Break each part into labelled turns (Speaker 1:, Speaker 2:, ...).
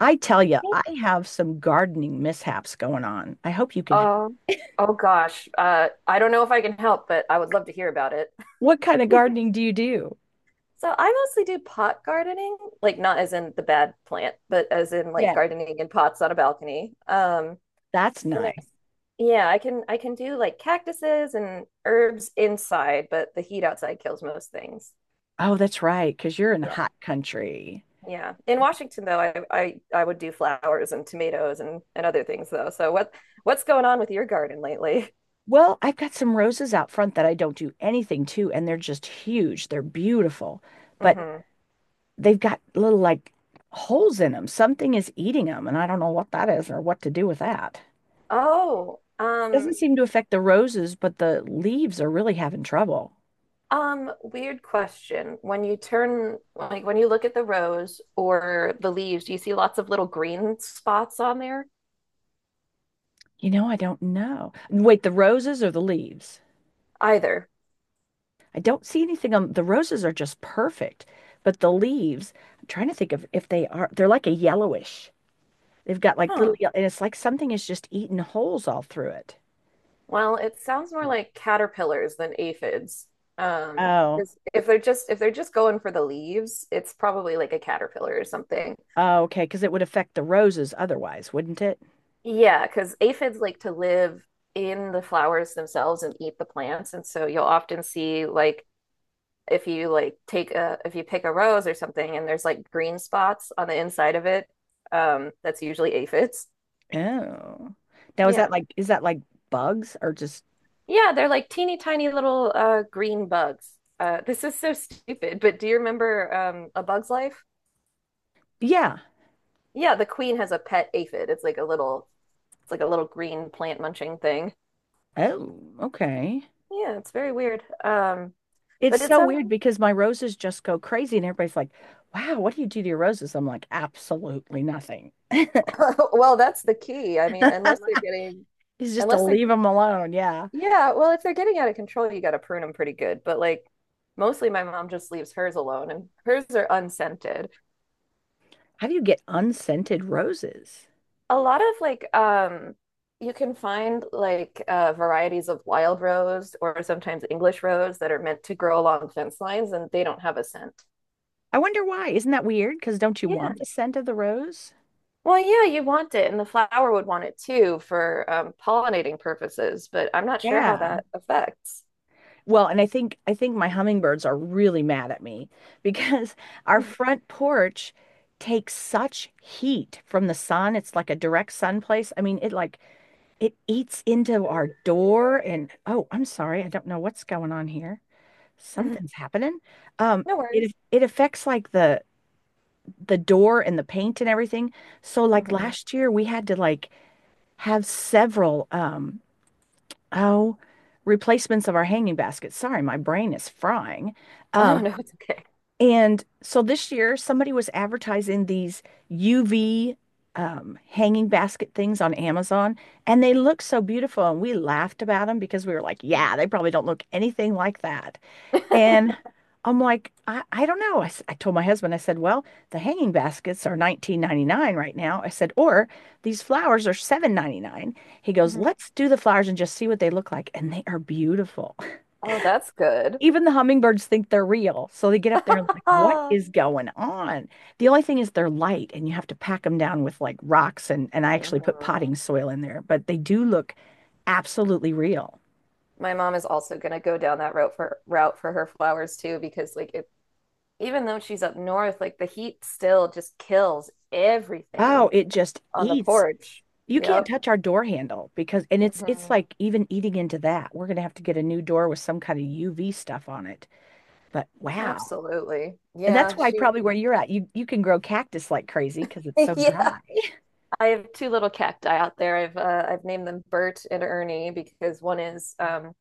Speaker 1: I tell you, I have some gardening mishaps going on. I hope you can.
Speaker 2: Oh, oh gosh. I don't know if I can help, but I would love to hear about it.
Speaker 1: What kind of gardening do you do?
Speaker 2: So I mostly do pot gardening, like not as in the bad plant, but as in like
Speaker 1: Yeah,
Speaker 2: gardening in pots on a balcony.
Speaker 1: that's
Speaker 2: And I-
Speaker 1: nice.
Speaker 2: yeah, I can do like cactuses and herbs inside, but the heat outside kills most things.
Speaker 1: Oh, that's right, because you're in a
Speaker 2: Yeah.
Speaker 1: hot country.
Speaker 2: Yeah. In Washington though, I would do flowers and tomatoes and other things though. So what's going on with your garden lately?
Speaker 1: Well, I've got some roses out front that I don't do anything to, and they're just huge. They're beautiful, but
Speaker 2: hmm
Speaker 1: they've got little like holes in them. Something is eating them, and I don't know what that is or what to do with that.
Speaker 2: Oh,
Speaker 1: Doesn't seem to affect the roses, but the leaves are really having trouble.
Speaker 2: Weird question. When you turn, like when you look at the rose or the leaves, do you see lots of little green spots on there?
Speaker 1: You know, I don't know. Wait, the roses or the leaves?
Speaker 2: Either.
Speaker 1: I don't see anything on the roses are just perfect, but the leaves, I'm trying to think of if they're like a yellowish. They've got like little,
Speaker 2: Huh.
Speaker 1: yellow, and it's like something is just eating holes all through it.
Speaker 2: Well, it sounds more like caterpillars than aphids.
Speaker 1: Oh,
Speaker 2: 'Cause if they're just going for the leaves, it's probably like a caterpillar or something.
Speaker 1: oh, okay, because it would affect the roses otherwise, wouldn't it?
Speaker 2: Yeah, because aphids like to live in the flowers themselves and eat the plants, and so you'll often see like if you like take a if you pick a rose or something and there's like green spots on the inside of it, that's usually aphids.
Speaker 1: Oh. Now is that
Speaker 2: Yeah.
Speaker 1: like is that like bugs or just
Speaker 2: Yeah, they're like teeny tiny little green bugs. This is so stupid, but do you remember A Bug's Life?
Speaker 1: yeah.
Speaker 2: Yeah, the queen has a pet aphid. It's like a little green plant munching thing.
Speaker 1: Oh, okay.
Speaker 2: Yeah, it's very weird.
Speaker 1: It's
Speaker 2: But it's
Speaker 1: so weird because my roses just go crazy and everybody's like, "Wow, what do you do to your roses?" I'm like, "Absolutely nothing."
Speaker 2: Well, that's the key. I mean, unless they're getting
Speaker 1: It's just to
Speaker 2: unless they're
Speaker 1: leave them alone. Yeah.
Speaker 2: yeah, well, if they're getting out of control, you got to prune them pretty good. But like mostly my mom just leaves hers alone and hers are unscented.
Speaker 1: How do you get unscented roses?
Speaker 2: A lot of you can find like varieties of wild rose or sometimes English rose that are meant to grow along fence lines and they don't have a scent.
Speaker 1: I wonder why. Isn't that weird? Because don't you
Speaker 2: Yeah.
Speaker 1: want the scent of the rose?
Speaker 2: Well, yeah, you want it and the flower would want it too for pollinating purposes, but I'm not sure how
Speaker 1: Yeah.
Speaker 2: that affects.
Speaker 1: Well, and I think my hummingbirds are really mad at me because our front porch takes such heat from the sun. It's like a direct sun place. I mean, it eats into our door and oh, I'm sorry. I don't know what's going on here. Something's happening. Um
Speaker 2: No
Speaker 1: it
Speaker 2: worries.
Speaker 1: it affects like the door and the paint and everything. So like
Speaker 2: Mhm.
Speaker 1: last year we had to like have several oh replacements of our hanging baskets. Sorry, my brain is frying.
Speaker 2: Oh
Speaker 1: Um,
Speaker 2: no, it's okay.
Speaker 1: and so this year somebody was advertising these UV hanging basket things on Amazon, and they look so beautiful and we laughed about them because we were like, yeah, they probably don't look anything like that. And I'm like, I don't know. I told my husband. I said, well, the hanging baskets are 19.99 right now. I said, or these flowers are 7.99. He goes,
Speaker 2: Mhm.
Speaker 1: let's do the flowers and just see what they look like. And they are beautiful.
Speaker 2: Oh, that's good.
Speaker 1: Even the hummingbirds think they're real. So they get up there and like, what is going on? The only thing is they're light and you have to pack them down with like rocks. And I actually put
Speaker 2: Mhm.
Speaker 1: potting soil in there, but they do look absolutely real.
Speaker 2: My mom is also gonna go down that route for her flowers too, because like it, even though she's up north, like the heat still just kills
Speaker 1: Oh,
Speaker 2: everything
Speaker 1: it just
Speaker 2: on the
Speaker 1: eats.
Speaker 2: porch.
Speaker 1: You can't
Speaker 2: Yep.
Speaker 1: touch our door handle because, and it's
Speaker 2: hmm
Speaker 1: like even eating into that. We're gonna have to get a new door with some kind of UV stuff on it. But wow.
Speaker 2: Absolutely.
Speaker 1: And that's
Speaker 2: Yeah,
Speaker 1: why
Speaker 2: she
Speaker 1: probably where you're at, you can grow cactus like crazy because it's so
Speaker 2: yeah.
Speaker 1: dry.
Speaker 2: I have two little cacti out there. I've named them Bert and Ernie because one is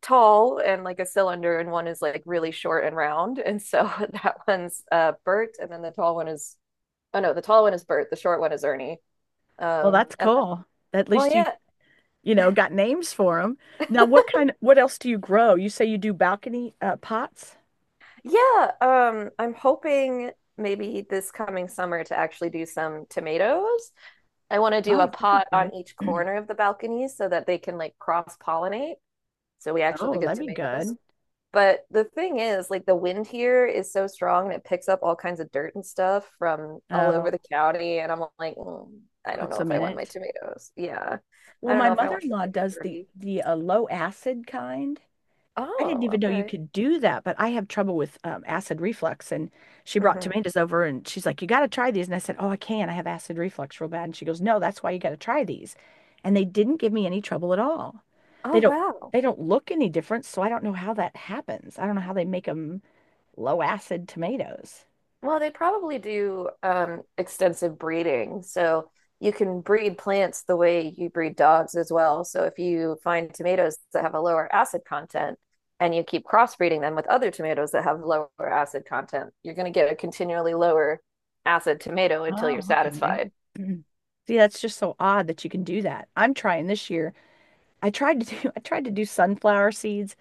Speaker 2: tall and like a cylinder, and one is like really short and round. And so that one's Bert, and then the tall one is oh no, the tall one is Bert, the short one is Ernie.
Speaker 1: Well, that's
Speaker 2: And
Speaker 1: cool. At
Speaker 2: well,
Speaker 1: least you
Speaker 2: yeah,
Speaker 1: you know got names for them. Now, what else do you grow? You say you do balcony pots?
Speaker 2: yeah. I'm hoping maybe this coming summer to actually do some tomatoes. I want to do
Speaker 1: Oh,
Speaker 2: a pot on each corner of the balcony so that they can like cross pollinate. So we actually
Speaker 1: oh,
Speaker 2: get
Speaker 1: that'd be
Speaker 2: tomatoes.
Speaker 1: good.
Speaker 2: But the thing is, like the wind here is so strong and it picks up all kinds of dirt and stuff from all
Speaker 1: Uh,
Speaker 2: over the county. And I'm like, "Mm, I don't
Speaker 1: Put
Speaker 2: know if
Speaker 1: some
Speaker 2: I
Speaker 1: in
Speaker 2: want my
Speaker 1: it.
Speaker 2: tomatoes. Yeah.
Speaker 1: Well,
Speaker 2: I don't
Speaker 1: my
Speaker 2: know if I want them
Speaker 1: mother-in-law
Speaker 2: getting
Speaker 1: does the
Speaker 2: dirty.
Speaker 1: the uh, low acid kind. I didn't
Speaker 2: Oh,
Speaker 1: even know you
Speaker 2: okay.
Speaker 1: could do that, but I have trouble with acid reflux. And she brought
Speaker 2: hmm
Speaker 1: tomatoes over and she's like, "You got to try these." And I said, "Oh, I can. I have acid reflux real bad." And she goes, "No, that's why you got to try these." And they didn't give me any trouble at all.
Speaker 2: Oh,
Speaker 1: They don't
Speaker 2: wow.
Speaker 1: they don't look any different, so I don't know how that happens. I don't know how they make them low acid tomatoes.
Speaker 2: Well, they probably do extensive breeding. So you can breed plants the way you breed dogs as well. So if you find tomatoes that have a lower acid content and you keep crossbreeding them with other tomatoes that have lower acid content, you're going to get a continually lower acid tomato until you're
Speaker 1: Oh, okay.
Speaker 2: satisfied.
Speaker 1: Mhm. See, that's just so odd that you can do that. I'm trying this year. I tried to do I tried to do sunflower seeds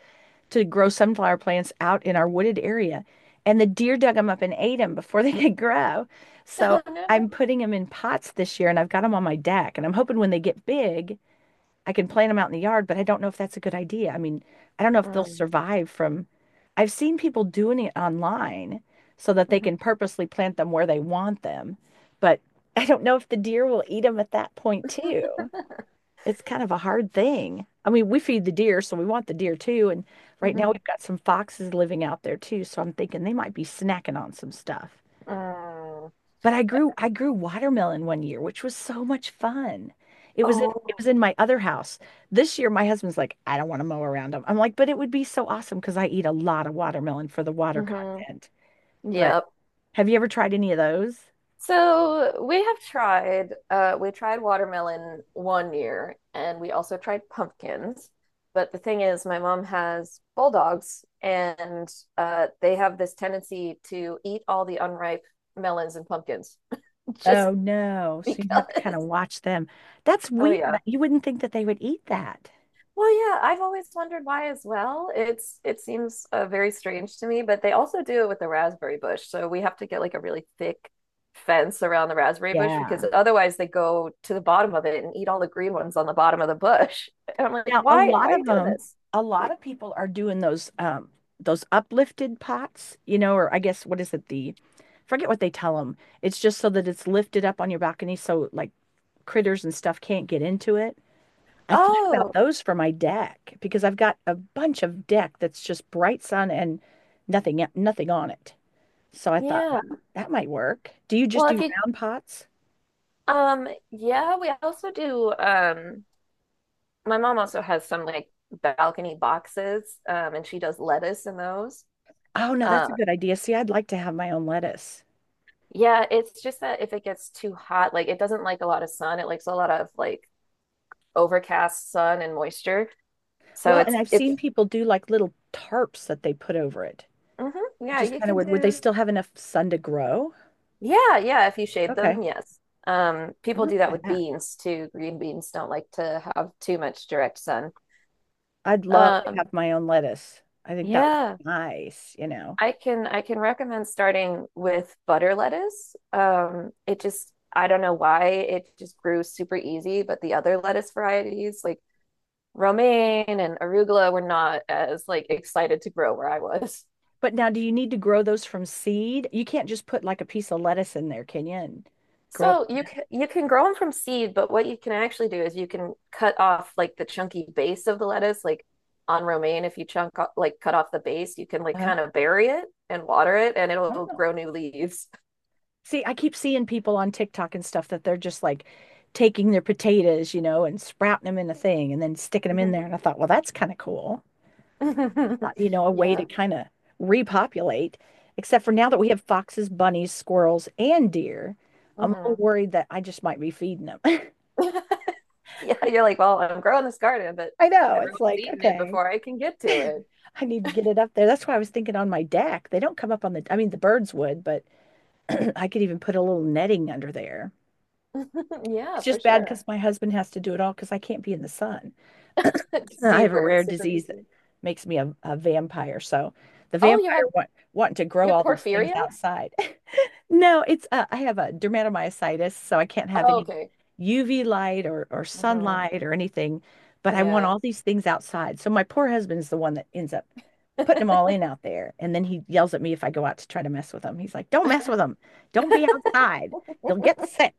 Speaker 1: to grow sunflower plants out in our wooded area. And the deer dug them up and ate them before they could grow. So
Speaker 2: Oh no.
Speaker 1: I'm putting them in pots this year and I've got them on my deck. And I'm hoping when they get big, I can plant them out in the yard, but I don't know if that's a good idea. I mean, I don't know if they'll
Speaker 2: Mm,
Speaker 1: survive from, I've seen people doing it online so that they
Speaker 2: mhm,
Speaker 1: can purposely plant them where they want them. But I don't know if the deer will eat them at that point too. It's kind of a hard thing. I mean, we feed the deer, so we want the deer too. And right now
Speaker 2: mhm,
Speaker 1: we've got some foxes living out there too, so I'm thinking they might be snacking on some stuff.
Speaker 2: mm.
Speaker 1: But I grew watermelon one year, which was so much fun. It was in, it
Speaker 2: Oh,
Speaker 1: was in my other house. This year my husband's like, "I don't want to mow around them." I'm like, but it would be so awesome because I eat a lot of watermelon for the water
Speaker 2: hmm
Speaker 1: content. But
Speaker 2: Yep.
Speaker 1: have you ever tried any of those?
Speaker 2: So we have tried, we tried watermelon one year and we also tried pumpkins. But the thing is, my mom has bulldogs and they have this tendency to eat all the unripe melons and pumpkins just
Speaker 1: Oh no. So you'd have to kind of
Speaker 2: because.
Speaker 1: watch them. That's
Speaker 2: Oh,
Speaker 1: weird.
Speaker 2: yeah.
Speaker 1: You wouldn't think that they would eat that.
Speaker 2: Well, yeah, I've always wondered why as well. It's it seems very strange to me, but they also do it with the raspberry bush. So we have to get like a really thick fence around the raspberry bush because
Speaker 1: Yeah.
Speaker 2: otherwise they go to the bottom of it and eat all the green ones on the bottom of the bush. And I'm like,
Speaker 1: Now,
Speaker 2: why are you doing this?
Speaker 1: a lot of people are doing those uplifted pots, or I guess what is it the forget what they tell them. It's just so that it's lifted up on your balcony so like critters and stuff can't get into it. I thought about
Speaker 2: Oh,
Speaker 1: those for my deck because I've got a bunch of deck that's just bright sun and nothing on it. So I thought,
Speaker 2: yeah.
Speaker 1: well, that might work. Do you just
Speaker 2: Well, if
Speaker 1: do
Speaker 2: you
Speaker 1: round pots?
Speaker 2: yeah, we also do my mom also has some like balcony boxes and she does lettuce in those.
Speaker 1: Oh no, that's a good idea. See, I'd like to have my own lettuce.
Speaker 2: Yeah, it's just that if it gets too hot, like it doesn't like a lot of sun. It likes a lot of like overcast sun and moisture. So
Speaker 1: Well, and
Speaker 2: it's
Speaker 1: I've seen
Speaker 2: it's
Speaker 1: people do like little tarps that they put over it,
Speaker 2: hmm yeah,
Speaker 1: which is
Speaker 2: you
Speaker 1: kind of
Speaker 2: can
Speaker 1: weird. Would they
Speaker 2: do
Speaker 1: still have enough sun to grow?
Speaker 2: yeah, yeah, if you shade
Speaker 1: Okay,
Speaker 2: them, yes.
Speaker 1: I
Speaker 2: People do
Speaker 1: might
Speaker 2: that
Speaker 1: try
Speaker 2: with
Speaker 1: that.
Speaker 2: beans too. Green beans don't like to have too much direct sun.
Speaker 1: I'd love to
Speaker 2: Um,
Speaker 1: have my own lettuce. I think that would
Speaker 2: yeah,
Speaker 1: be nice.
Speaker 2: I can recommend starting with butter lettuce. It just I don't know why it just grew super easy, but the other lettuce varieties like romaine and arugula were not as like excited to grow where I was.
Speaker 1: But now, do you need to grow those from seed? You can't just put like a piece of lettuce in there, can you? And grow.
Speaker 2: So you can grow them from seed, but what you can actually do is you can cut off like the chunky base of the lettuce, like on romaine. If you chunk like cut off the base, you can like
Speaker 1: Uh-huh.
Speaker 2: kind of bury it and water it, and
Speaker 1: I don't
Speaker 2: it'll
Speaker 1: know.
Speaker 2: grow new leaves.
Speaker 1: See, I keep seeing people on TikTok and stuff that they're just like taking their potatoes, and sprouting them in a thing and then sticking them in
Speaker 2: Mhm.
Speaker 1: there. And I thought, well, that's kind of cool. A way to
Speaker 2: Yeah.
Speaker 1: kind of repopulate. Except for now that we have foxes, bunnies, squirrels, and deer, I'm a
Speaker 2: hmm
Speaker 1: little worried that I just might be feeding them.
Speaker 2: Yeah, you're like, well, I'm growing this garden, but
Speaker 1: I know. It's
Speaker 2: everyone's
Speaker 1: like,
Speaker 2: eating it
Speaker 1: okay,
Speaker 2: before I can get to it.
Speaker 1: I need to get it up there. That's why I was thinking on my deck. They don't come up on the, I mean, the birds would, but I could even put a little netting under there.
Speaker 2: Yeah,
Speaker 1: It's
Speaker 2: for
Speaker 1: just bad
Speaker 2: sure.
Speaker 1: because my husband has to do it all because I can't be in the sun. And
Speaker 2: Do
Speaker 1: I
Speaker 2: you
Speaker 1: have a
Speaker 2: burn
Speaker 1: rare
Speaker 2: super
Speaker 1: disease that
Speaker 2: easily?
Speaker 1: makes me a vampire. So the
Speaker 2: Oh, you
Speaker 1: vampire
Speaker 2: have
Speaker 1: wanting to
Speaker 2: You
Speaker 1: grow
Speaker 2: have
Speaker 1: all these things
Speaker 2: porphyria?
Speaker 1: outside. No, it's I have a dermatomyositis, so I can't have
Speaker 2: Oh,
Speaker 1: any
Speaker 2: okay.
Speaker 1: UV light or
Speaker 2: hmm
Speaker 1: sunlight or anything. But I want
Speaker 2: Yeah.
Speaker 1: all these things outside. So my poor husband's the one that ends up putting them all in out there, and then he yells at me if I go out to try to mess with them. He's like, "Don't mess with them. Don't be outside. You'll get sick."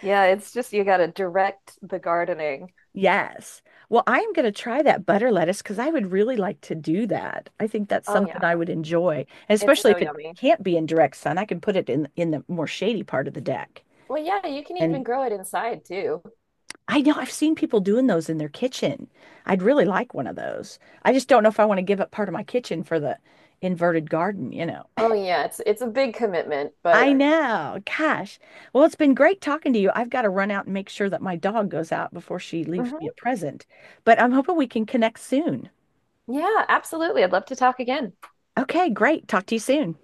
Speaker 2: Yeah, it's just you gotta direct the gardening.
Speaker 1: Yes. Well, I am going to try that butter lettuce because I would really like to do that. I think that's
Speaker 2: Oh
Speaker 1: something
Speaker 2: yeah,
Speaker 1: I would enjoy, and
Speaker 2: it's
Speaker 1: especially
Speaker 2: so
Speaker 1: if it
Speaker 2: yummy.
Speaker 1: can't be in direct sun. I can put it in the more shady part of the deck,
Speaker 2: Well, yeah, you can even
Speaker 1: and
Speaker 2: grow it inside too.
Speaker 1: I know I've seen people doing those in their kitchen. I'd really like one of those. I just don't know if I want to give up part of my kitchen for the inverted garden.
Speaker 2: Oh yeah, it's a big commitment,
Speaker 1: I, right,
Speaker 2: but
Speaker 1: know. Gosh. Well, it's been great talking to you. I've got to run out and make sure that my dog goes out before she leaves me a
Speaker 2: Mhm.
Speaker 1: present. But I'm hoping we can connect soon.
Speaker 2: Yeah, absolutely. I'd love to talk again.
Speaker 1: Okay, great. Talk to you soon.